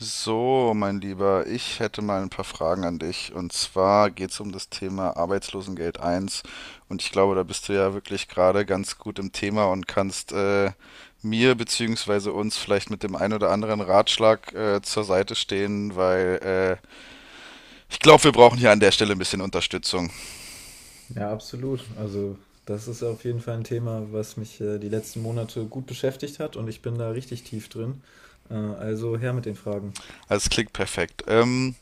So, mein Lieber, ich hätte mal ein paar Fragen an dich. Und zwar geht es um das Thema Arbeitslosengeld 1. Und ich glaube, da bist du ja wirklich gerade ganz gut im Thema und kannst mir bzw. uns vielleicht mit dem einen oder anderen Ratschlag zur Seite stehen, weil ich glaube, wir brauchen hier an der Stelle ein bisschen Unterstützung. Ja, absolut. Also, das ist auf jeden Fall ein Thema, was mich die letzten Monate gut beschäftigt hat und ich bin da richtig tief drin. Also her mit den Fragen. Also es klingt perfekt.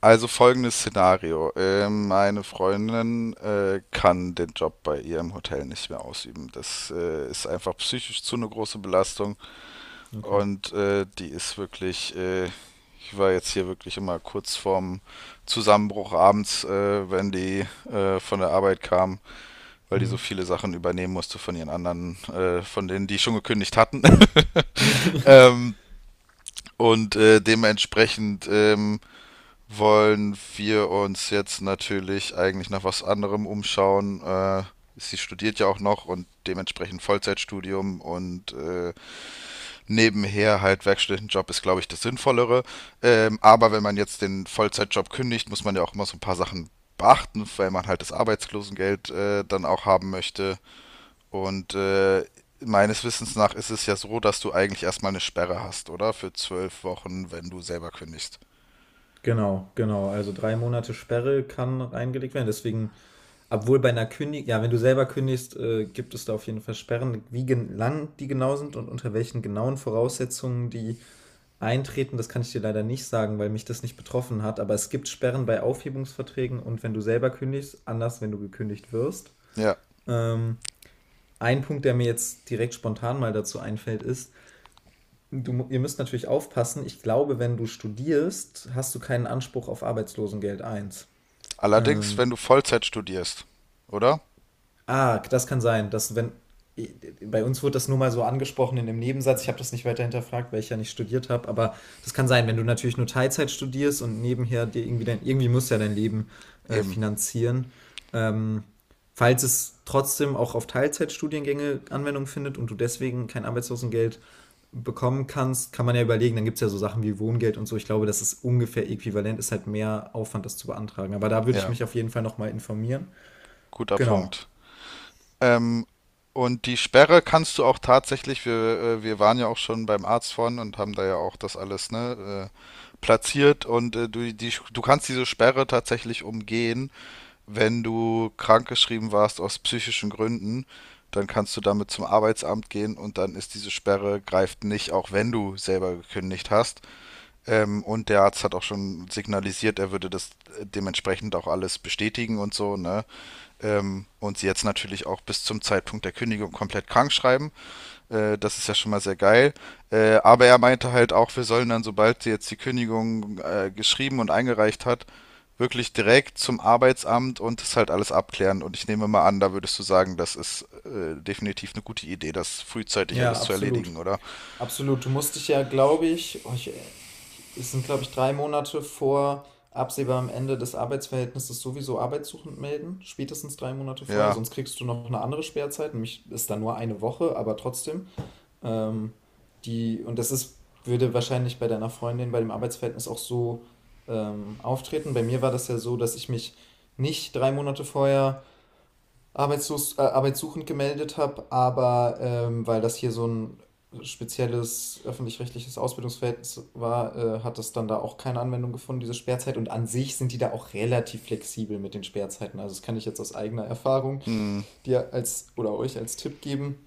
Also folgendes Szenario. Meine Freundin kann den Job bei ihr im Hotel nicht mehr ausüben. Das ist einfach psychisch zu eine große Belastung, Okay. und die ist wirklich, ich war jetzt hier wirklich immer kurz vorm Zusammenbruch abends, wenn die von der Arbeit kam, weil die so Mhm. viele Sachen übernehmen musste von ihren anderen, von denen, die schon gekündigt hatten. ähm, und dementsprechend wollen wir uns jetzt natürlich eigentlich nach was anderem umschauen. Sie studiert ja auch noch und dementsprechend Vollzeitstudium und nebenher halt Werkstudentenjob ist, glaube ich, das Sinnvollere. Aber wenn man jetzt den Vollzeitjob kündigt, muss man ja auch immer so ein paar Sachen beachten, weil man halt das Arbeitslosengeld dann auch haben möchte. Und meines Wissens nach ist es ja so, dass du eigentlich erstmal eine Sperre hast, oder? Für 12 Wochen, wenn du selber kündigst. Genau, genau. Also drei Monate Sperre kann reingelegt werden. Deswegen, obwohl bei einer Kündigung, ja, wenn du selber kündigst, gibt es da auf jeden Fall Sperren. Wie gen lang die genau sind und unter welchen genauen Voraussetzungen die eintreten, das kann ich dir leider nicht sagen, weil mich das nicht betroffen hat, aber es gibt Sperren bei Aufhebungsverträgen und wenn du selber kündigst, anders, wenn du gekündigt wirst. Ja. Ähm, ein Punkt, der mir jetzt direkt spontan mal dazu einfällt, ist, ihr müsst natürlich aufpassen, ich glaube, wenn du studierst, hast du keinen Anspruch auf Arbeitslosengeld eins. Allerdings, wenn Ähm, du Vollzeit studierst, oder? Ah, das kann sein, dass wenn bei uns wurde das nur mal so angesprochen in dem Nebensatz. Ich habe das nicht weiter hinterfragt, weil ich ja nicht studiert habe. Aber das kann sein, wenn du natürlich nur Teilzeit studierst und nebenher dir irgendwie irgendwie musst du ja dein Leben Eben, finanzieren. Ähm, falls es trotzdem auch auf Teilzeitstudiengänge Anwendung findet und du deswegen kein Arbeitslosengeld bekommen kannst, kann man ja überlegen. Dann gibt es ja so Sachen wie Wohngeld und so. Ich glaube, das ist ungefähr äquivalent, ist halt mehr Aufwand, das zu beantragen. Aber da würde ich ja, mich auf jeden Fall nochmal informieren. guter Genau. Punkt. Ähm, und die Sperre kannst du auch tatsächlich, wir waren ja auch schon beim Arzt vorhin und haben da ja auch das alles, ne, platziert und du, die, du kannst diese Sperre tatsächlich umgehen, wenn du krankgeschrieben warst aus psychischen Gründen, dann kannst du damit zum Arbeitsamt gehen und dann ist diese Sperre greift nicht, auch wenn du selber gekündigt hast. Und der Arzt hat auch schon signalisiert, er würde das dementsprechend auch alles bestätigen und so, ne? Und sie jetzt natürlich auch bis zum Zeitpunkt der Kündigung komplett krank schreiben. Das ist ja schon mal sehr geil. Aber er meinte halt auch, wir sollen dann, sobald sie jetzt die Kündigung geschrieben und eingereicht hat, wirklich direkt zum Arbeitsamt und das halt alles abklären. Und ich nehme mal an, da würdest du sagen, das ist definitiv eine gute Idee, das frühzeitig alles Ja, zu absolut. erledigen, oder? Absolut. Du musst dich ja, glaube ich, es sind, glaube ich, 3 Monate vor absehbarem Ende des Arbeitsverhältnisses sowieso arbeitssuchend melden, spätestens 3 Monate vorher, Ja. sonst kriegst du noch eine andere Sperrzeit, nämlich ist dann nur eine Woche, aber trotzdem. Ähm, die, und das ist, Würde wahrscheinlich bei deiner Freundin bei dem Arbeitsverhältnis auch so auftreten. Bei mir war das ja so, dass ich mich nicht 3 Monate vorher arbeitssuchend gemeldet habe, aber weil das hier so ein spezielles öffentlich-rechtliches Ausbildungsverhältnis war, hat das dann da auch keine Anwendung gefunden, diese Sperrzeit. Und an sich sind die da auch relativ flexibel mit den Sperrzeiten. Also das kann ich jetzt aus eigener Erfahrung Hm. dir als oder euch als Tipp geben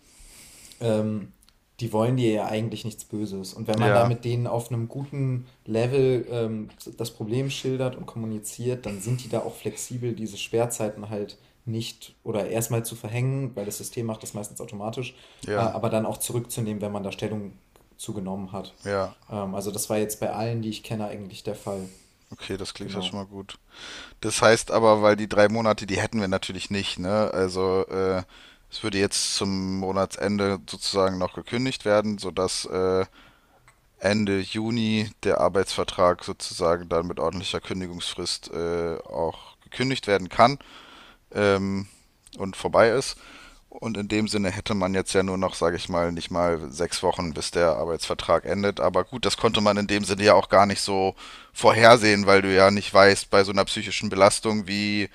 ähm, Die wollen dir ja eigentlich nichts Böses. Und wenn man da Ja. mit denen auf einem guten Level das Problem schildert und kommuniziert, dann sind die da auch flexibel, diese Sperrzeiten halt nicht oder erstmal zu verhängen, weil das System macht das meistens automatisch, Ja. aber dann auch zurückzunehmen, wenn man da Stellung zugenommen hat. Ja. Also das war jetzt bei allen, die ich kenne, eigentlich der Fall. Okay, das klingt ja schon Genau. mal gut. Das heißt aber, weil die 3 Monate, die hätten wir natürlich nicht, ne? Also, es würde jetzt zum Monatsende sozusagen noch gekündigt werden, sodass Ende Juni der Arbeitsvertrag sozusagen dann mit ordentlicher Kündigungsfrist auch gekündigt werden kann, ähm, und vorbei ist. Und in dem Sinne hätte man jetzt ja nur noch, sage ich mal, nicht mal 6 Wochen, bis der Arbeitsvertrag endet. Aber gut, das konnte man in dem Sinne ja auch gar nicht so vorhersehen, weil du ja nicht weißt bei so einer psychischen Belastung, wie,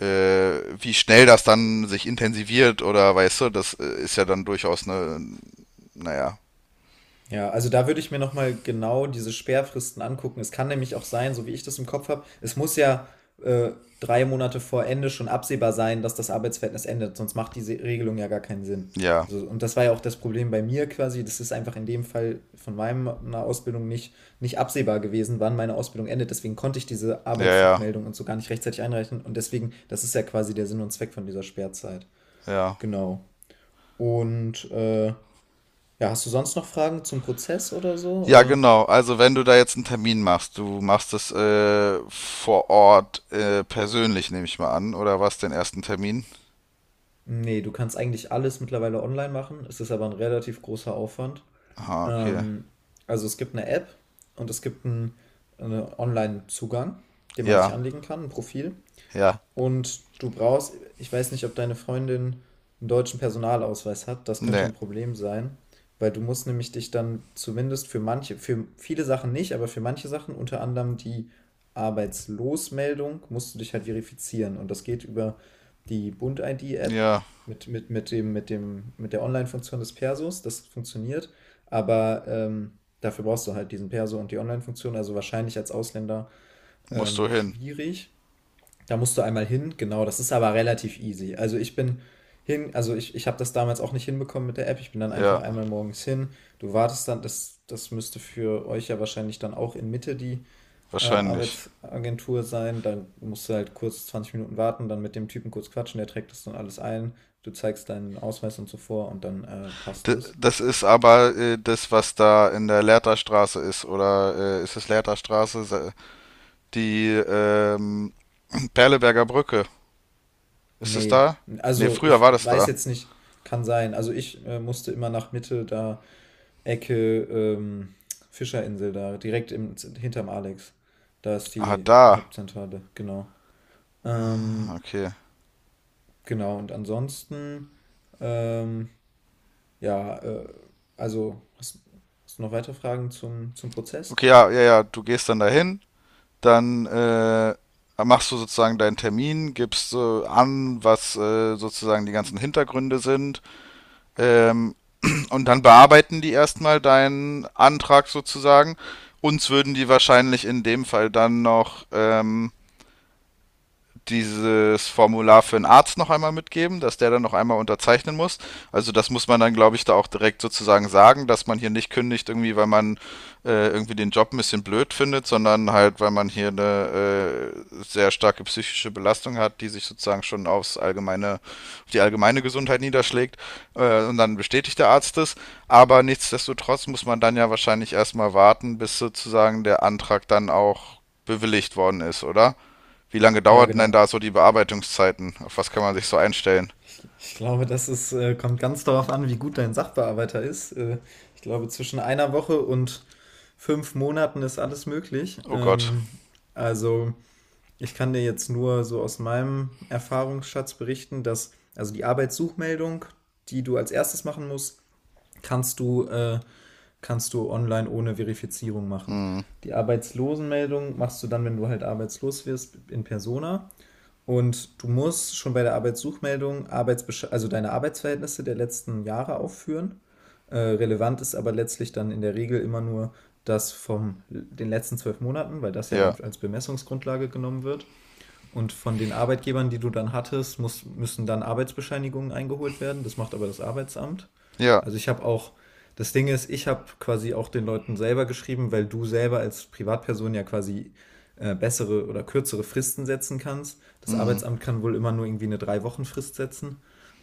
wie schnell das dann sich intensiviert oder weißt du, das ist ja dann durchaus eine, naja, Ja, also da würde ich mir nochmal genau diese Sperrfristen angucken. Es kann nämlich auch sein, so wie ich das im Kopf habe, es muss ja äh, 3 Monate vor Ende schon absehbar sein, dass das Arbeitsverhältnis endet, sonst macht diese Regelung ja gar keinen Sinn. ja, So, und das war ja auch das Problem bei mir quasi. Das ist einfach in dem Fall von meiner Ausbildung nicht absehbar gewesen, wann meine Ausbildung endet. Deswegen konnte ich diese ja, ja, Arbeitssuchmeldung und so gar nicht rechtzeitig einreichen. Und deswegen, das ist ja quasi der Sinn und Zweck von dieser Sperrzeit. ja. Genau. Und ja, hast du sonst noch Fragen zum Prozess oder so? Ja, Oder? genau. Also wenn du da jetzt einen Termin machst, du machst es vor Ort persönlich, nehme ich mal an, oder was, den ersten Termin? Nee, du kannst eigentlich alles mittlerweile online machen. Es ist aber ein relativ großer Aufwand. Ah, okay. Ähm, also es gibt eine App und es gibt einen Online-Zugang, den man sich Ja, anlegen kann, ein Profil. ja. Und du brauchst ich weiß nicht, ob deine Freundin einen deutschen Personalausweis hat. Das könnte Nee. ein Problem sein, weil du musst nämlich dich dann zumindest für manche für viele Sachen nicht, aber für manche Sachen, unter anderem die Arbeitslosmeldung, musst du dich halt verifizieren. Und das geht über die Bund-ID-App Ja, mit der Online-Funktion des Persos. Das funktioniert, aber, dafür brauchst du halt diesen Perso und die Online-Funktion, also wahrscheinlich als Ausländer, musst du hin. schwierig. Da musst du einmal hin, genau, das ist aber relativ easy. Also ich bin hin, also ich habe das damals auch nicht hinbekommen mit der App. Ich bin dann einfach Ja, einmal morgens hin. Du wartest dann, das müsste für euch ja wahrscheinlich dann auch in Mitte die wahrscheinlich. Arbeitsagentur sein. Dann musst du halt kurz 20 Minuten warten, dann mit dem Typen kurz quatschen, der trägt das dann alles ein. Du zeigst deinen Ausweis und so vor und dann passt D es. das ist aber das, was da in der Lehrterstraße ist, oder ist es Lehrterstraße? Se- die Perleberger Brücke. Ist es Nee, da? Nee, also früher ich war das weiß da. jetzt nicht, kann sein. Also ich musste immer nach Mitte da Ecke Fischerinsel da, direkt hinterm Alex. Da ist Ah, die da. Hauptzentrale, genau. Ähm, Okay. genau, und ansonsten, ähm, ja, also, hast du noch weitere Fragen zum Prozess? Okay, ja, ja, ja. Du gehst dann dahin, dann machst du sozusagen deinen Termin, gibst an, was sozusagen die ganzen Hintergründe sind, ähm, und dann bearbeiten die erstmal deinen Antrag sozusagen. Uns würden die wahrscheinlich in dem Fall dann noch dieses Formular für einen Arzt noch einmal mitgeben, dass der dann noch einmal unterzeichnen muss. Also das muss man dann, glaube ich, da auch direkt sozusagen sagen, dass man hier nicht kündigt irgendwie, weil man irgendwie den Job ein bisschen blöd findet, sondern halt, weil man hier eine sehr starke psychische Belastung hat, die sich sozusagen schon aufs allgemeine, auf die allgemeine Gesundheit niederschlägt. Und dann bestätigt der Arzt es. Aber nichtsdestotrotz muss man dann ja wahrscheinlich erstmal warten, bis sozusagen der Antrag dann auch bewilligt worden ist, oder? Wie lange Ja, dauerten denn genau. da so die Bearbeitungszeiten? Auf was kann man sich so einstellen? Ich glaube, kommt ganz darauf an, wie gut dein Sachbearbeiter ist. Ich glaube, zwischen einer Woche und 5 Monaten ist alles möglich. Oh Gott. Also ich kann dir jetzt nur so aus meinem Erfahrungsschatz berichten, dass also die Arbeitssuchmeldung, die du als erstes machen musst, kannst du, äh, kannst du online ohne Verifizierung machen. Die Arbeitslosenmeldung machst du dann, wenn du halt arbeitslos wirst, in Persona. Und du musst schon bei der Arbeitssuchmeldung Arbeitsbesch also deine Arbeitsverhältnisse der letzten Jahre aufführen. Relevant ist aber letztlich dann in der Regel immer nur das von den letzten 12 Monaten, weil das ja dann Ja, als Bemessungsgrundlage genommen wird. Und von den Arbeitgebern, die du dann hattest, müssen dann Arbeitsbescheinigungen eingeholt werden. Das macht aber das Arbeitsamt. ja, Also das Ding ist, ich habe quasi auch den Leuten selber geschrieben, weil du selber als Privatperson ja quasi bessere oder kürzere Fristen setzen kannst. Das Arbeitsamt kann wohl immer nur irgendwie eine Drei-Wochen-Frist setzen.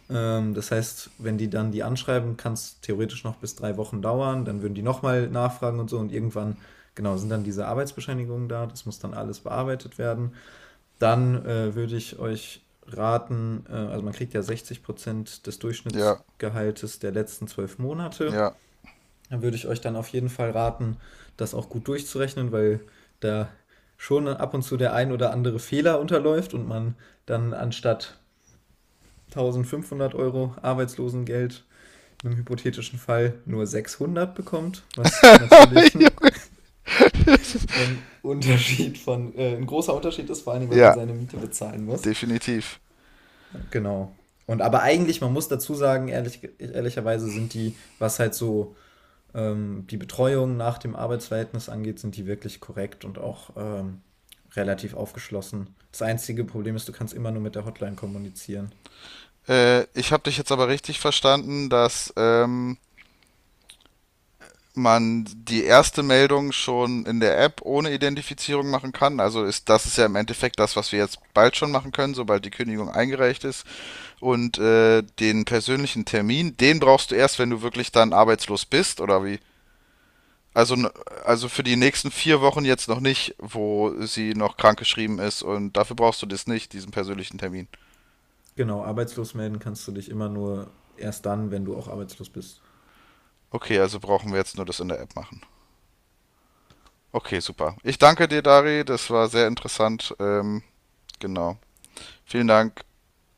Das heißt, wenn die dann die anschreiben, kann es theoretisch noch bis 3 Wochen dauern. Dann würden die nochmal nachfragen und so. Und irgendwann, genau, sind dann diese Arbeitsbescheinigungen da. Das muss dann alles bearbeitet werden. Dann würde ich euch raten, also man kriegt ja 60% des ja, Durchschnittsgehaltes der letzten 12 Monate. ja, Dann würde ich euch dann auf jeden Fall raten, das auch gut durchzurechnen, weil da schon ab und zu der ein oder andere Fehler unterläuft und man dann anstatt 1.500 Euro Arbeitslosengeld in einem hypothetischen Fall nur 600 bekommt, was natürlich ein ein großer Unterschied ist, vor allem, weil man ja, seine Miete bezahlen muss. definitiv. Genau. Und aber eigentlich, man muss dazu sagen, ehrlicherweise sind die, was halt so die Betreuung nach dem Arbeitsverhältnis angeht, sind die wirklich korrekt und auch relativ aufgeschlossen. Das einzige Problem ist, du kannst immer nur mit der Hotline kommunizieren. Ich habe dich jetzt aber richtig verstanden, dass man die erste Meldung schon in der App ohne Identifizierung machen kann. Also ist das ist ja im Endeffekt das, was wir jetzt bald schon machen können, sobald die Kündigung eingereicht ist. Und den persönlichen Termin, den brauchst du erst, wenn du wirklich dann arbeitslos bist, oder wie? Also, also für die nächsten 4 Wochen jetzt noch nicht, wo sie noch krankgeschrieben ist und dafür brauchst du das nicht, diesen persönlichen Termin. Genau, arbeitslos melden kannst du dich immer nur erst dann, wenn du auch arbeitslos bist. Okay, also brauchen wir jetzt nur das in der App machen. Okay, super. Ich danke dir, Dari, das war sehr interessant. Genau. Vielen Dank.